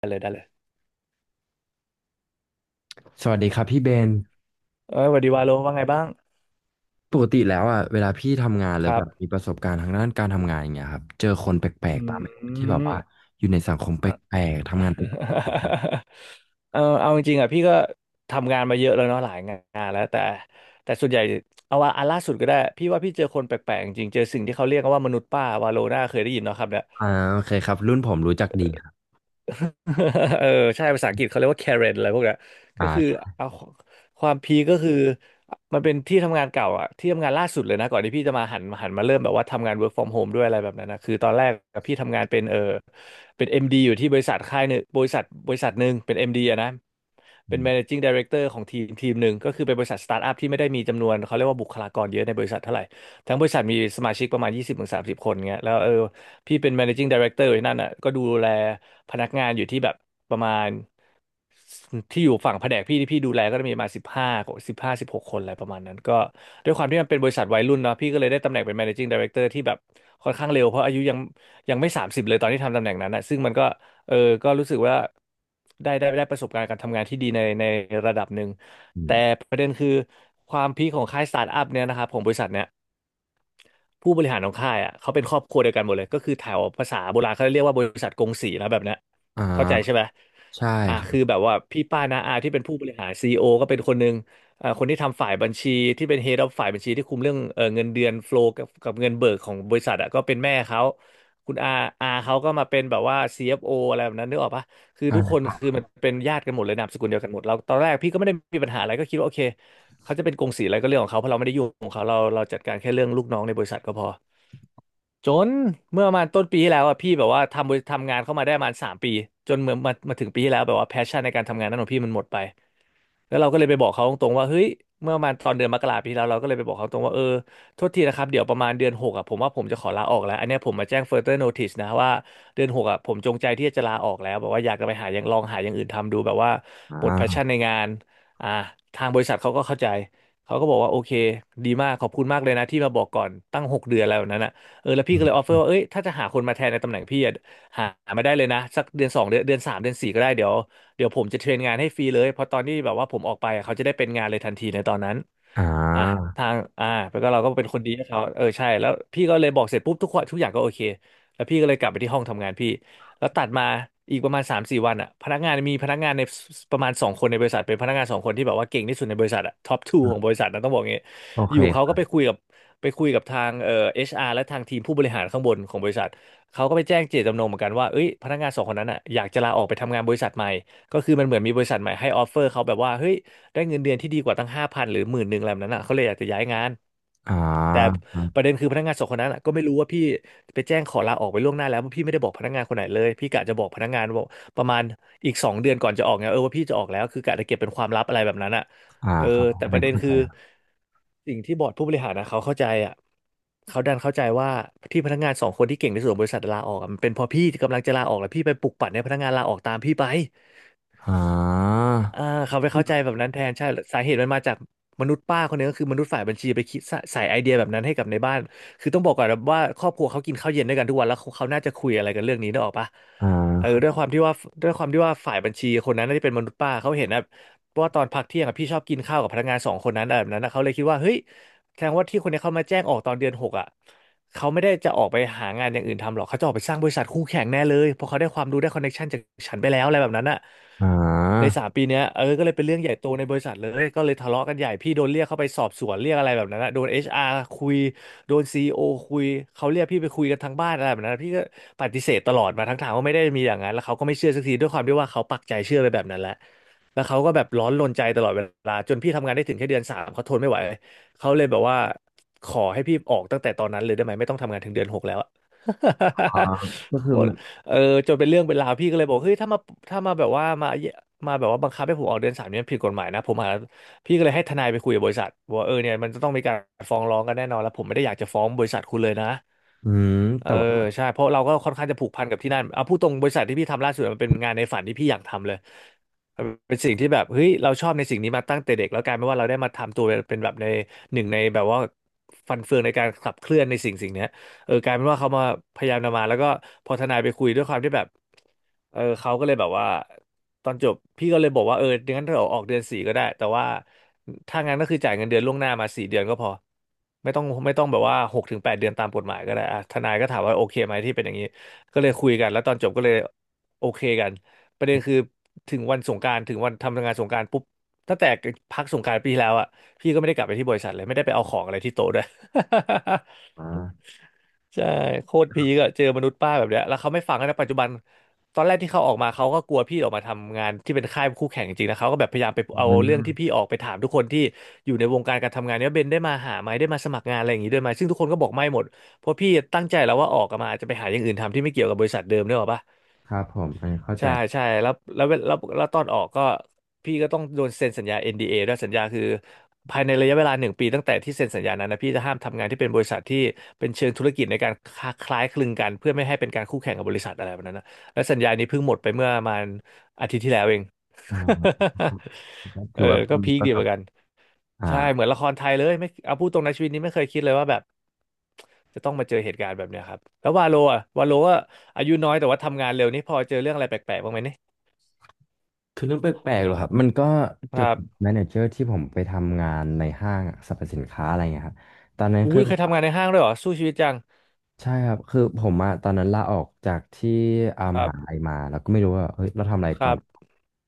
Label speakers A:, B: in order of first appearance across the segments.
A: ได้เลยได้เลย
B: สวัสดีครับพี่เบน
A: เอ้ยสวัสดีวาโลว่าไงบ้าง
B: ปกติแล้วอ่ะเวลาพี่ทำงานห
A: ค
B: รือ
A: รั
B: แบ
A: บ
B: บมีประสบการณ์ทางด้านการทำงานอย่างเงี้ยครับเจอคนแปล
A: อื
B: กๆบ้างไหมครับที่แบบ
A: ม
B: ว่าอยู่ในสังคมแปลกๆทำงานแปลกๆ
A: เอาจริงๆอ่ะพี่ก็ทำงานมาเยอะแล้วเนาะหลายงานแล้วแต่ส่วนใหญ่เอาว่าอันล่าสุดก็ได้พี่ว่าพี่เจอคนแปลกๆจริงๆเจอสิ่งที่เขาเรียกกันว่ามนุษย์ป้าวาโลน่าเคยได้ยินเนาะครับเนี่ย
B: อ่าโอเคครับรุ่นผมรู้จักดีครับ
A: เออใช่ภาษาอังกฤษเขาเรียกว่า Karen อะไรพวกเนี้ยก็คือ
B: ใช่
A: เอาความพีคก็คือมันเป็นที่ทำงานเก่าอะที่ทำงานล่าสุดเลยนะก่อนที่พี่จะมาหันมาเริ่มแบบว่าทำงาน work from home ด้วยอะไรแบบนั้นนะคือตอนแรกอะพี่ทำงานเป็นเป็น MD อมดีอยู่ที่บริษัทค่ายหนึ่งบริษัทหนึ่งเป็น MD อมดีอะนะ
B: อื
A: เป็น
B: ม
A: managing director ของทีมทีมหนึ่งก็คือเป็นบริษัทสตาร์ทอัพที่ไม่ได้มีจำนวนเขาเรียกว่าบุคลากรเยอะในบริษัทเท่าไหร่ทั้งบริษัทมีสมาชิกประมาณ20-30คนเงี้ยแล้วพี่เป็น managing director อยู่ที่นั่นอ่ะก็ดูแลพนักงานอยู่ที่แบบประมาณที่อยู่ฝั่งแผนกพี่ที่พี่ดูแลก็จะมีประมาณสิบห้าสิบหกคนอะไรประมาณนั้นก็ด้วยความที่มันเป็นบริษัทวัยรุ่นเนาะพี่ก็เลยได้ตำแหน่งเป็น managing director ที่แบบค่อนข้างเร็วเพราะอายุยังไม่30เลยตอนที่ทำตำแหน่งนั้นนะซึ่งมันก็เออก็รู้สึกว่าได้ประสบการณ์การทำงานที่ดีในระดับหนึ่ง
B: อื
A: แต่
B: ม
A: ประเด็นคือความพีคของค่ายสตาร์ทอัพเนี่ยนะครับของบริษัทเนี่ย ผู้บริหารของค่ายอ่ะเขาเป็นครอบครัวเดียวกันหมดเลยก็คือแถวภาษาโบราณเขาเรียกว่าบริษัทกงสีนะแบบเนี้ย
B: อ่
A: เข้าใจ
B: า
A: ใช่ไหม
B: ใช่
A: อ่า
B: ครั
A: คือ
B: บ
A: แบบว่าพี่ป้าน้าอาที่เป็นผู้บริหารซีอีโอก็เป็นคนหนึ่งอ่าคนที่ทำฝ่ายบัญชีที่เป็น head of ฝ่ายบัญชีที่คุมเรื่องเงินเดือนโฟล w กับเงินเบิกของบริษัทอ่ะก็เป็นแม่เขาคุณอาเขาก็มาเป็นแบบว่า CFO อฟโออะไรแบบนั้นนึกออกปะคือทุกคน
B: อ่า
A: คือมันเป็นญาติกันหมดเลยนามสกุลเดียวกันหมดเราตอนแรกพี่ก็ไม่ได้มีปัญหาอะไรก็คิดว่าโอเค เขาจะเป็นกงสีอะไรก็เรื่องของเขาเพราะเราไม่ได้ยุ่งของเขาเราจัดการแค่เรื่องลูกน้องในบริษัทก็พอจนเมื่อประมาณต้นปีที่แล้วอ่ะพี่แบบว่าทำบริทำงานเข้ามาได้ประมาณ3 ปีจนเมื่อมาถึงปีที่แล้วแบบว่าแพชชั่นในการทำงานนั้นของพี่มันหมดไป แล้วเราก็เลยไปบอกเขาตรงๆว่าเฮ้ยเมื่อประมาณตอนเดือนมกราปีที่แล้วเราก็เลยไปบอกเขาตรงว่าโทษทีนะครับเดี๋ยวประมาณเดือนหกอ่ะผมว่าผมจะขอลาออกแล้วอันเนี้ยผมมาแจ้ง further notice นะว่าเดือน 6อ่ะผมจงใจที่จะลาออกแล้วแบบว่าอยากจะไปหาอย่างลองหาอย่างอื่นทำดูแบบว่า
B: อ
A: หมด
B: ่า
A: passion ในงานอ่าทางบริษัทเขาก็เข้าใจเขาก็บอกว่าโอเคดีมากขอบคุณมากเลยนะที่มาบอกก่อนตั้ง6 เดือนอะไรแบบนั้นอ่ะแล้วพี่ก็เลยออฟเฟอร์ว่าเอ้ยถ้าจะหาคนมาแทนในตำแหน่งพี่อะหามาได้เลยนะสักเดือนสองเดือนเดือนสามเดือนสี่ก็ได้เดี๋ยว เดี๋ยวผมจะเทรนงานให้ฟรีเลยเพราะตอนที่แบบว่าผมออกไปเขาจะได้เป็นงานเลยทันทีในตอนนั้น
B: อ่
A: อ่ะ
B: า
A: ทางอ่าแล้วก็เราก็เป็นคนดีให้เขาเออใช่แล้วพี่ก็เลยบอกเสร็จปุ๊บทุกคนทุกอย่างก็โอเคแล้วพี่ก็เลยกลับไปที่ห้องทำงานพี่แล้วตัดมาอีกประมาณ3-4 วันอ่ะพนักงานมีพนักงานในประมาณสองคนในบริษัทเป็นพนักงานสองคนที่แบบว่าเก่งที่สุดในบริษัทอ่ะท็อปทูของบริษัทนะต้องบอกงี้
B: โอ
A: อ
B: เค
A: ยู่เขา
B: ค
A: ก็
B: รั
A: ไป
B: บ
A: คุยกับทางเอชอาร์และทางทีมผู้บริหารข้างบนของบริษัทเขาก็ไปแจ้งเจตจำนงเหมือนกันว่าเอ้ยพนักงานสองคนนั้นอ่ะอยากจะลาออกไปทำงานบริษัทใหม่ ก็คือมันเหมือนมีบริษัทใหม่ให้ออฟเฟอร์เขาแบบว่าเฮ้ยได้เงินเดือนที่ดีกว่าตั้งห้าพันหรือหมื่นหนึ่งอะไรแบบนั้นอ่ะเขาเลยอยากจะย้ายงาน
B: อ่า
A: แต่
B: ครั
A: ป
B: บ
A: ระเด็นคือพนักงานสองคนนั้นอะก็ไม่รู้ว่าพี่ไปแจ้งขอลาออกไปล่วงหน้าแล้วเพราะพี่ไม่ได้บอกพนักงานคนไหนเลยพี่กะจะบอกพนักงานว่าประมาณอีกสองเดือนก่อนจะออกไงเออว่าพี่จะออกแล้วคือกะจะเก็บเป็นความลับอะไรแบบนั้นอ่ะเออ
B: ครับ
A: แต่
B: อัน
A: ป
B: นี้
A: ระเด็น
B: เข้า
A: คื
B: ใจ
A: อ
B: ครับ
A: สิ่งที่บอร์ดผู้บริหารนะเขาเข้าใจอ่ะเขาดันเข้าใจว่าที่พนักงานสองคนที่เก่งที่สุดของบริษัทลาออกอะมันเป็นเพราะพี่กำลังจะลาออกแล้วพี่ไปปลุกปั่นให้พนักงานลาออกตามพี่ไป
B: อ่า
A: อ่าเขาไปเข้าใจแบบนั้นแทนใช่สาเหตุมันมาจากมนุษย์ป้าคนนึงก็คือมนุษย์ฝ่ายบัญชีไปคิดสใส่ไอเดียแบบนั้นให้กับในบ้านคือต้องบอกก่อนนะว่าครอบครัวเขากินข้าวเย็นด้วยกันทุกวันแล้วเขาน่าจะคุยอะไรกันเรื่องนี้นึกออกปะ
B: อ่า
A: เออ
B: ครับ
A: ด้วยความที่ว่าด้วยความที่ว่าฝ่ายบัญชีคนนั้นน่าจะเป็นมนุษย์ป้าเขาเห็นนะว่าตอนพักเที่ยงอะพี่ชอบกินข้าวกับพนักงานสองคนนั้นอะแบบนั้นอะเขาเลยคิดว่าเฮ้ยแสดงว่าที่คนนี้เขามาแจ้งออกตอนเดือนหกอ่ะ เขาไม่ได้จะออกไปหางานอย่างอื่นทำหรอกเขาจะออกไปสร้างบริษัทคู่แข่งแน่เลยเพราะเขาได้ความรู้ได้คอนเน็ชันจากฉันไปแล้วอะไรแบบนั้นอะ
B: อ่
A: ใน
B: า
A: สามปีเนี้ยเออก็เลยเป็นเรื่องใหญ่โตในบริษัทเลยก็เลยทะเลาะกันใหญ่พี่โดนเรียกเข้าไปสอบสวนเรียกอะไรแบบนั้นอะโดนเอชอาร์คุยโดนซีอีโอคุยเขาเรียกพี่ไปคุยกันทั้งบ้านอะไรแบบนั้นพี่ก็ปฏิเสธตลอดมาทั้งทางว่าไม่ได้มีอย่างนั้นแล้วเขาก็ไม่เชื่อสักทีด้วยความที่ว่าเขาปักใจเชื่อไปแบบนั้นแหละแล้วเขาก็แบบร้อนรนใจตลอดเวลาจนพี่ทำงานได้ถึงแค่เดือนสามเขาทนไม่ไหว เขาเลยแบบว่าขอให้พี่ออกตั้งแต่ตอนนั้นเลยได้ไหมไม่ต้องทำงานถึงเดือนหกแล้วอะ
B: อ่าก็
A: โค
B: คือ
A: ตร
B: มัน
A: เออจนเป็นเรื่องเป็นราวพี่ก็เลยบอกเฮ้ยถ้ามาแบบว่ามาแบบว่าบังคับให้ผมออกเดือนสามเนี่ยมันผิดกฎหมายนะผมหาพี่ก็เลยให้ทนายไปคุยกับบริษัทว่าเออเนี่ยมันจะต้องมีการฟ้องร้องกันแน่นอนแล้วผมไม่ได้อยากจะฟ้องบริษัทคุณเลยนะ
B: อืม
A: เออ
B: แต่ว่า
A: ใช่เพราะเราก็ค่อนข้างจะผูกพันกับที่นั่นเอาพูดตรงบริษัทที่พี่ทำล่าสุดมันเป็นงานในฝันที่พี่อยากทำเลยมันเป็นสิ่งที่แบบเฮ้ยเราชอบในสิ่งนี้มาตั้งแต่เด็กแล้วกลายเป็นว่าเราได้มาทำตัวเป็นแบบในหนึ่งในแบบว่าฟันเฟืองในการขับเคลื่อนในสิ่งเนี้ย เออกลายเป็นว่าเขามาพยายามนำมาแล้วก็พอทนายไปคุยด้วยความที่แบบเออเขาก็เลยแบบว่าตอนจบพี่ก็เลยบอกว่าเอองั้นเราออกเดือนสี่ก็ได้แต่ว่าถ้างั้นก็คือจ่ายเงินเดือนล่วงหน้ามาสี่เดือนก็พอไม่ต้องแบบว่าหกถึงแปดเดือนตามกฎหมายก็ได้อ่ะทนายก็ถามว่าโอเคไหมที่เป็นอย่างนี้ก็เลยคุยกันแล้วตอนจบก็เลยโอเคกันประเด็นคือถึงวันสงกรานต์ถึงวันทำงานสงกรานต์ปุ๊บตั้งแต่พักสงกรานต์ปีที่แล้วอ่ะพี่ก็ไม่ได้กลับไปที่บริษัทเลยไม่ได้ไปเอาของอะไรที่โต๊ะด้วย
B: อ่า
A: ใช่โคตรพีก็เจอมนุษย์ป้าแบบเนี้ยแล้วเขาไม่ฟังนะปัจจุบันตอนแรกที่เขาออกมาเขาก็กลัวพี่ออกมาทำงานที่เป็นค่ายคู่แข่งจริงๆนะเขาก็แบบพยายามไป
B: อื
A: เอา
B: ม
A: เรื่องที่พี่ออกไปถามทุกคนที่อยู่ในวงการการทำงานเนี้ยเบนได้มาหาไหมได้มาสมัครงานอะไรอย่างงี้ด้วยไหมซึ่งทุกคนก็บอกไม่หมดเพราะพี่ตั้งใจแล้วว่าออกมาจะไปหาอย่างอื่นทำที่ไม่เกี่ยวกับบริษัทเดิมด้วยหรอปะ
B: ครับผมอันนี้เข้าใจ
A: ใช่ใช่แล้วตอนออกก็พี่ก็ต้องโดนเซ็นสัญญา NDA ดเอด้วยสัญญาคือภายในระยะเวลาหนึ่งปีตั้งแต่ที่เซ็นสัญญานั้นนะพี่จะห้ามทำงานที่เป็นบริษัทที่เป็นเชิงธุรกิจในการคล้ายคลึงกันเพื่อไม่ให้เป็นการคู่แข่งกับบริษัทอะไรแบบนั้นนะและสัญญานี้เพิ่งหมดไปเมื่อประมาณอาทิตย์ที่แล้วเอง
B: อ่า
A: เอ
B: ถื
A: อ
B: อว่า
A: ก็
B: มี
A: พีค
B: ประ
A: ดี
B: ส
A: เหมื
B: บ
A: อนกัน
B: อ่า
A: ใช่เหมือนละครไทยเลยไม่เอาพูดตรงในะชีวิตนี้ไม่เคยคิดเลยว่าแบบจะต้องมาเจอเหตุการณ์แบบเนี้ยครับแล้ววาโลอ่ะวาโลก็อายุน้อยแต่ว่าทำงานเร็วนี่พอเจอเรื่องอะไรแปลกๆบ้างไหม
B: คือเรื่องแปลกๆเหรอครับมันก็
A: ค
B: เกี่ย
A: รั
B: วกับ
A: บ
B: แมเนเจอร์ที่ผมไปทำงานในห้างสรรพสินค้าอะไรเงี้ยครับตอนนั้น
A: อุ้
B: คือ
A: ยเคยทำงานในห้างด้วยเหรอสู้ชีวิตจัง
B: ใช่ครับคือผมอะตอนนั้นลาออกจากที่อา
A: ค
B: ม
A: รับ
B: หาลัยมาแล้วก็ไม่รู้ว่าเฮ้ยเราทำอะไร
A: ค
B: ก่อ
A: รั
B: น
A: บ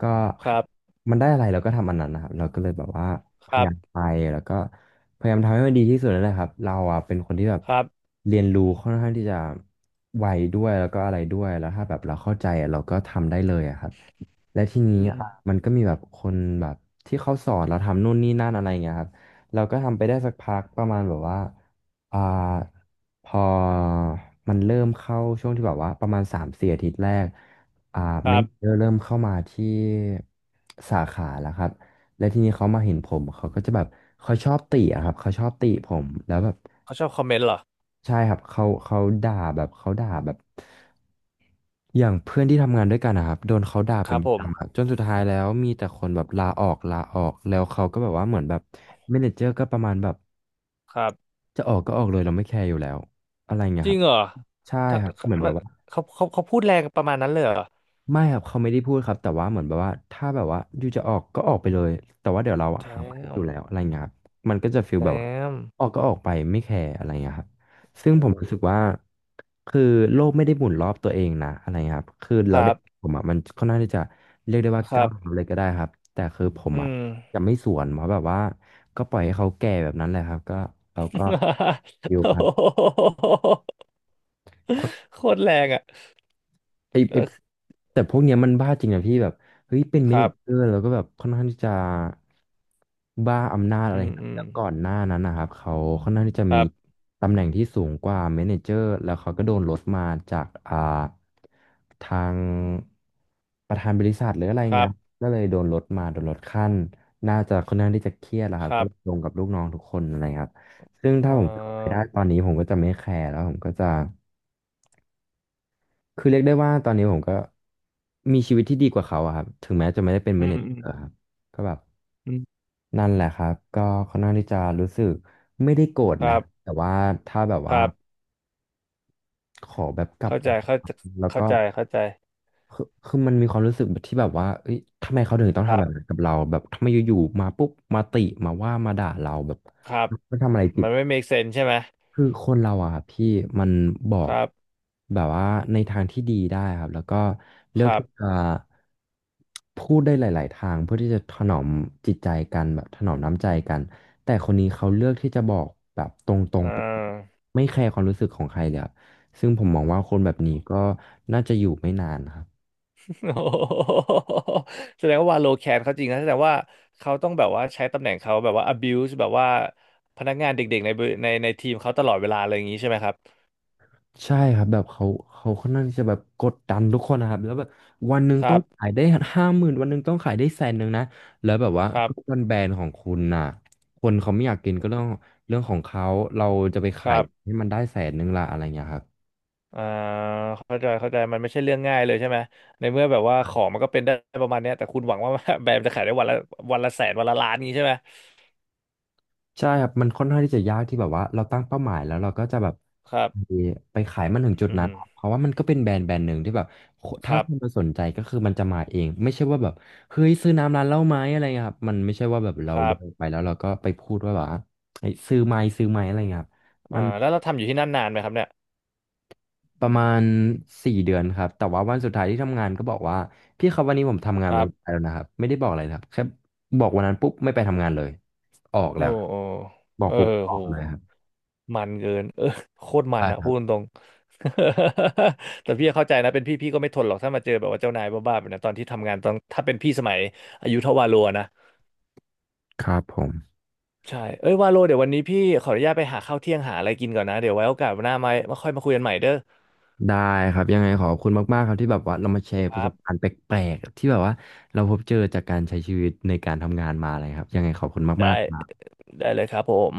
B: ก็
A: ครับ
B: มันได้อะไรเราก็ทำอันนั้นนะครับเราก็เลยแบบว่าพ
A: ค
B: ยา
A: รับ
B: ยามไปแล้วก็พยายามทำให้มันดีที่สุดนั่นแหละครับเราอะเป็นคนที่แบบ
A: ครับ
B: เรียนรู้ค่อนข้างที่จะไวด้วยแล้วก็อะไรด้วยแล้วถ้าแบบเราเข้าใจอะเราก็ทำได้เลยอะครับและที
A: อื
B: นี้
A: ม
B: อะมันก็มีแบบคนแบบที่เขาสอนเราทำนู่นนี่นั่นอะไรเงี้ยครับเราก็ทำไปได้สักพักประมาณแบบว่าอ่า พอมันเริ่มเข้าช่วงที่แบบว่าประมาณ3-4 อาทิตย์แรกอ่า
A: ค
B: เม
A: รั
B: นเจ
A: บ
B: อร์เริ่มเข้ามาที่สาขาแล้วครับ และทีนี้เขามาเห็นผมเขาก็จะแบบเขาชอบติอะครับเขาชอบติผมแล้วแบบ
A: เขาชอบคอมเมนต์เหรอ
B: ใช่ครับเขาด่าแบบเขาด่าแบบอย่างเพื่อนที่ทำงานด้วยกันนะครับโดนเขาด่า
A: ค
B: เป็
A: รั
B: น
A: บ
B: ป
A: ผ
B: ระ
A: ม
B: จำครับจนสุดท้ายแล้วมีแต่คนแบบลาออกลาออกแล้วเขาก็แบบว่าเหมือนแบบเมเนเจอร์ก็ประมาณแบบ
A: ครับ
B: จะออกก็ออกเลยเราไม่แคร์อยู่แล้วอะไรเงี้ย
A: จ
B: ค
A: ริง
B: รับ
A: เหรอ
B: ใช่
A: ถ้า
B: ครับเหมือนแบ
A: มัน
B: บว่า
A: เขาพูดแรงประมาณนั้นเลยเหรอ
B: ไม่ครับเขาไม่ได้พูดครับแต่ว่าเหมือนแบบว่าถ้าแบบว่าอยู่จะออกก็ออกไปเลยแต่ว่าเดี๋ยวเราอะ
A: แจ
B: หาใหม่อยู่
A: ม
B: แล้วอะไรเงี้ยครับมันก็จะฟีล
A: แจ
B: แบบว่า
A: ม
B: ออกก็ออกไปไม่แคร์อะไรเงี้ยครับซึ่ง
A: โอ้
B: ผมรู้สึกว่าคือโลกไม่ได้หมุนรอบตัวเองนะอะไรเงี้ยครับคือ
A: ค
B: เรา
A: รั
B: ได้
A: บ
B: ผมอะมันค่อนข้างที่จะเรียกได้ว่า
A: ครั
B: ก้าวเท้า
A: บ
B: เลยก็ได้ครับแต่คือผม
A: อื
B: อะ
A: ม
B: จะไม่สวนเพราะแบบว่าก็ปล่อยให้เขาแก่แบบนั้นแหละครับก็เราก็อ ยู่
A: โอ้
B: ครับ
A: โหโคตรแรงอ่ะ
B: ไอ้ไอ
A: เออ
B: แต่พวกเนี้ยมันบ้าจริงนะพี่แบบเฮ้ยเป็น
A: ค
B: เมเน
A: รับ
B: เจอร์แล้วก็แบบค่อนข้างที่จะบ้าอำนาจอะ
A: อื
B: ไร
A: ม
B: ครั
A: อื
B: บ
A: ม
B: แล้วก่อนหน้านั้นนะครับเขาค่อนข้างที่จะ
A: ค
B: มี
A: รับ
B: ตำแหน่งที่สูงกว่าเมเนเจอร์แล้วเขาก็โดนลดมาจากทางประธานบริษัทหรืออะไร
A: ครั
B: เงี้
A: บ
B: ยก็เลยโดนลดมาโดนลดขั้นน่าจะค่อนข้างที่จะเครียดแหละครั
A: ค
B: บก็
A: รับ
B: เลยลงกับลูกน้องทุกคนอะไรครับซึ่งถ้า
A: เอ่
B: ผมกลับไปได้
A: อ
B: ตอนนี้ผมก็จะไม่แคร์แล้วผมก็จะ คือเรียกได้ว่าตอนนี้ผมก็มีชีวิตที่ดีกว่าเขาอะครับถึงแม้จะไม่ได้เป็น
A: อื
B: เม
A: ม
B: เนเจอร์
A: อืม
B: ครับก็แบบ
A: อืม
B: นั่นแหละครับก็ค่อนข้างที่จะรู้สึกไม่ได้โกรธ
A: ค
B: นะ
A: รับ
B: แต่ว่าถ้าแบบ
A: ค
B: ว่า
A: รับ
B: ขอแบบกลับ
A: เข้า
B: ไป
A: ใจเข้า
B: ทำงา
A: ใจ
B: นแล้ว
A: เข้า
B: ก็
A: ใจเข้าใจ
B: คือมันมีความรู้สึกที่แบบว่าเอ้ยทำไมเขาถึงต้อง
A: ครั
B: ทำแบ
A: บ
B: บนั้นกับเราแบบทำไมอยู่ๆมาปุ๊บมาติมาว่ามาด่าเราแบบ
A: ครับ
B: มันทำอะไรผิด
A: มันไม่ make sense ใช่ไหม
B: คือคนเราอะครับพี่มันบอ
A: ค
B: ก
A: รับ
B: แบบว่าในทางที่ดีได้ครับแล้วก็เลื
A: ค
B: อก
A: รับ
B: ที่จะพูดได้หลาย ๆ ทางเพื่อที่จะถนอมจิตใจกันแบบถนอมน้ำใจกันแต่คนนี้เขาเลือกที่จะบอกแบบตรง
A: อ่า
B: ๆไปไม่แคร์ความรู้สึกของใครเลยครับซึ่งผมมองว่าคนแบบนี้ก็น่าจะอยู่ไม่นานครับ
A: โอ้โหแสดงว่าวาโลแคนเขาจริงนะแสดงว่าเขาต้องแบบว่าใช้ตำแหน่งเขาแบบว่า abuse แบบว่าพนักงานเด็กๆในในทีมเขาตลอดเวลาอะไรอย่างนี้ใช่ไหมครับ
B: ใช่ครับแบบเขาค่อนข้างที่จะแบบกดดันทุกคนนะครับแล้วแบบวันหนึ่ง
A: ค
B: ต้อ
A: รั
B: ง
A: บ
B: ขายได้50,000วันหนึ่งต้องขายได้แสนหนึ่งนะแล้วแบบว่า
A: ครั
B: ก็
A: บ
B: เป็นแบรนด์ของคุณน่ะคนเขาไม่อยากกินก็เรื่องของเขาเราจะไป
A: ค
B: ขาย
A: รับ
B: ให้มันได้แสนหนึ่งละอะไรเงี้ยครับ
A: อ่าเข้าใจเข้าใจมันไม่ใช่เรื่องง่ายเลยใช่ไหมในเมื่อแบบว่าของมันก็เป็นได้ประมาณเนี้ยแต่คุณหวังว่า แบรนด์จะขายได้วันละแสนวันละล้านนี้ใช่ไหม
B: ใช่ครับมันค่อนข้างที่จะยากที่แบบว่าเราตั้งเป้าหมายแล้วเราก็จะแบบ
A: ครับ
B: ไปไปขายมันถึงจุด
A: อื
B: นั้น
A: ม
B: เพราะว่ามันก็เป็นแบรนด์แบรนด์หนึ่งที่แบบโค
A: ค
B: ถ้า
A: รับ
B: คนมาสนใจก็คือมันจะมาเองไม่ใช่ว่าแบบเฮ้ยซื้อน้ำร้านเหล้าไหมอะไรเงี้ยครับมันไม่ใช่ว่าแบบเรา
A: ครั
B: เดิ
A: บ
B: นไปแล้วเราก็ไปพูดว่าแบบว่าเฮ้ยซื้อไหมซื้อไหมอะไรเงี้ยครับ
A: อ่า
B: มัน
A: แล้วเราทำอยู่ที่นั่นนานไหมครับเนี่ย
B: ประมาณ4 เดือนครับแต่ว่าวันสุดท้ายที่ทำงานก็บอกว่าพี่ครับวันนี้ผมทำงาน
A: ค
B: วั
A: รั
B: น
A: บ
B: สุดท้ายแล้วนะครับไม่ได้บอกอะไรนะครับแค่บอกวันนั้นปุ๊บไม่ไปทำงานเลยออก
A: โอ้
B: แล้ว
A: โอ้
B: บอ
A: เอ
B: ก
A: อ
B: ปุ๊บออ
A: โห
B: กเลยครับ
A: มันเกินเออ โคตรมันอะพูดตรง แต่พี่เข้าใจนะเป็นพี่ก็ไม่ทนหรอกถ้ามาเจอแบบว่าเจ้านายบ้าๆแบบนั้นตอนที่ทำงานตอนถ้าเป็นพี่สมัยอายุเท่าวาโลนะ
B: ครับผม
A: ใช่เอ้ยวาโลเดี๋ยววันนี้พี่ขออนุญาตไปหาข้าวเที่ยงหาอะไรกินก่อนนะเดี๋ยวไว้โอกาสหน้ามาค่อยมาคุยกันใหม่เด้อ
B: ได้ครับยังไงขอบคุณมากๆครับที่แบบว่าเรามาแชร์
A: ค
B: ประส
A: รั
B: บกา
A: บ
B: รณ์แปลกๆที่แบบว่าเราพบเจอจากการใช้ชีวิตในการทำงานมาอะไรครับยังไงขอบคุณ
A: ได้
B: มากๆครับ
A: ได้เลยครับผม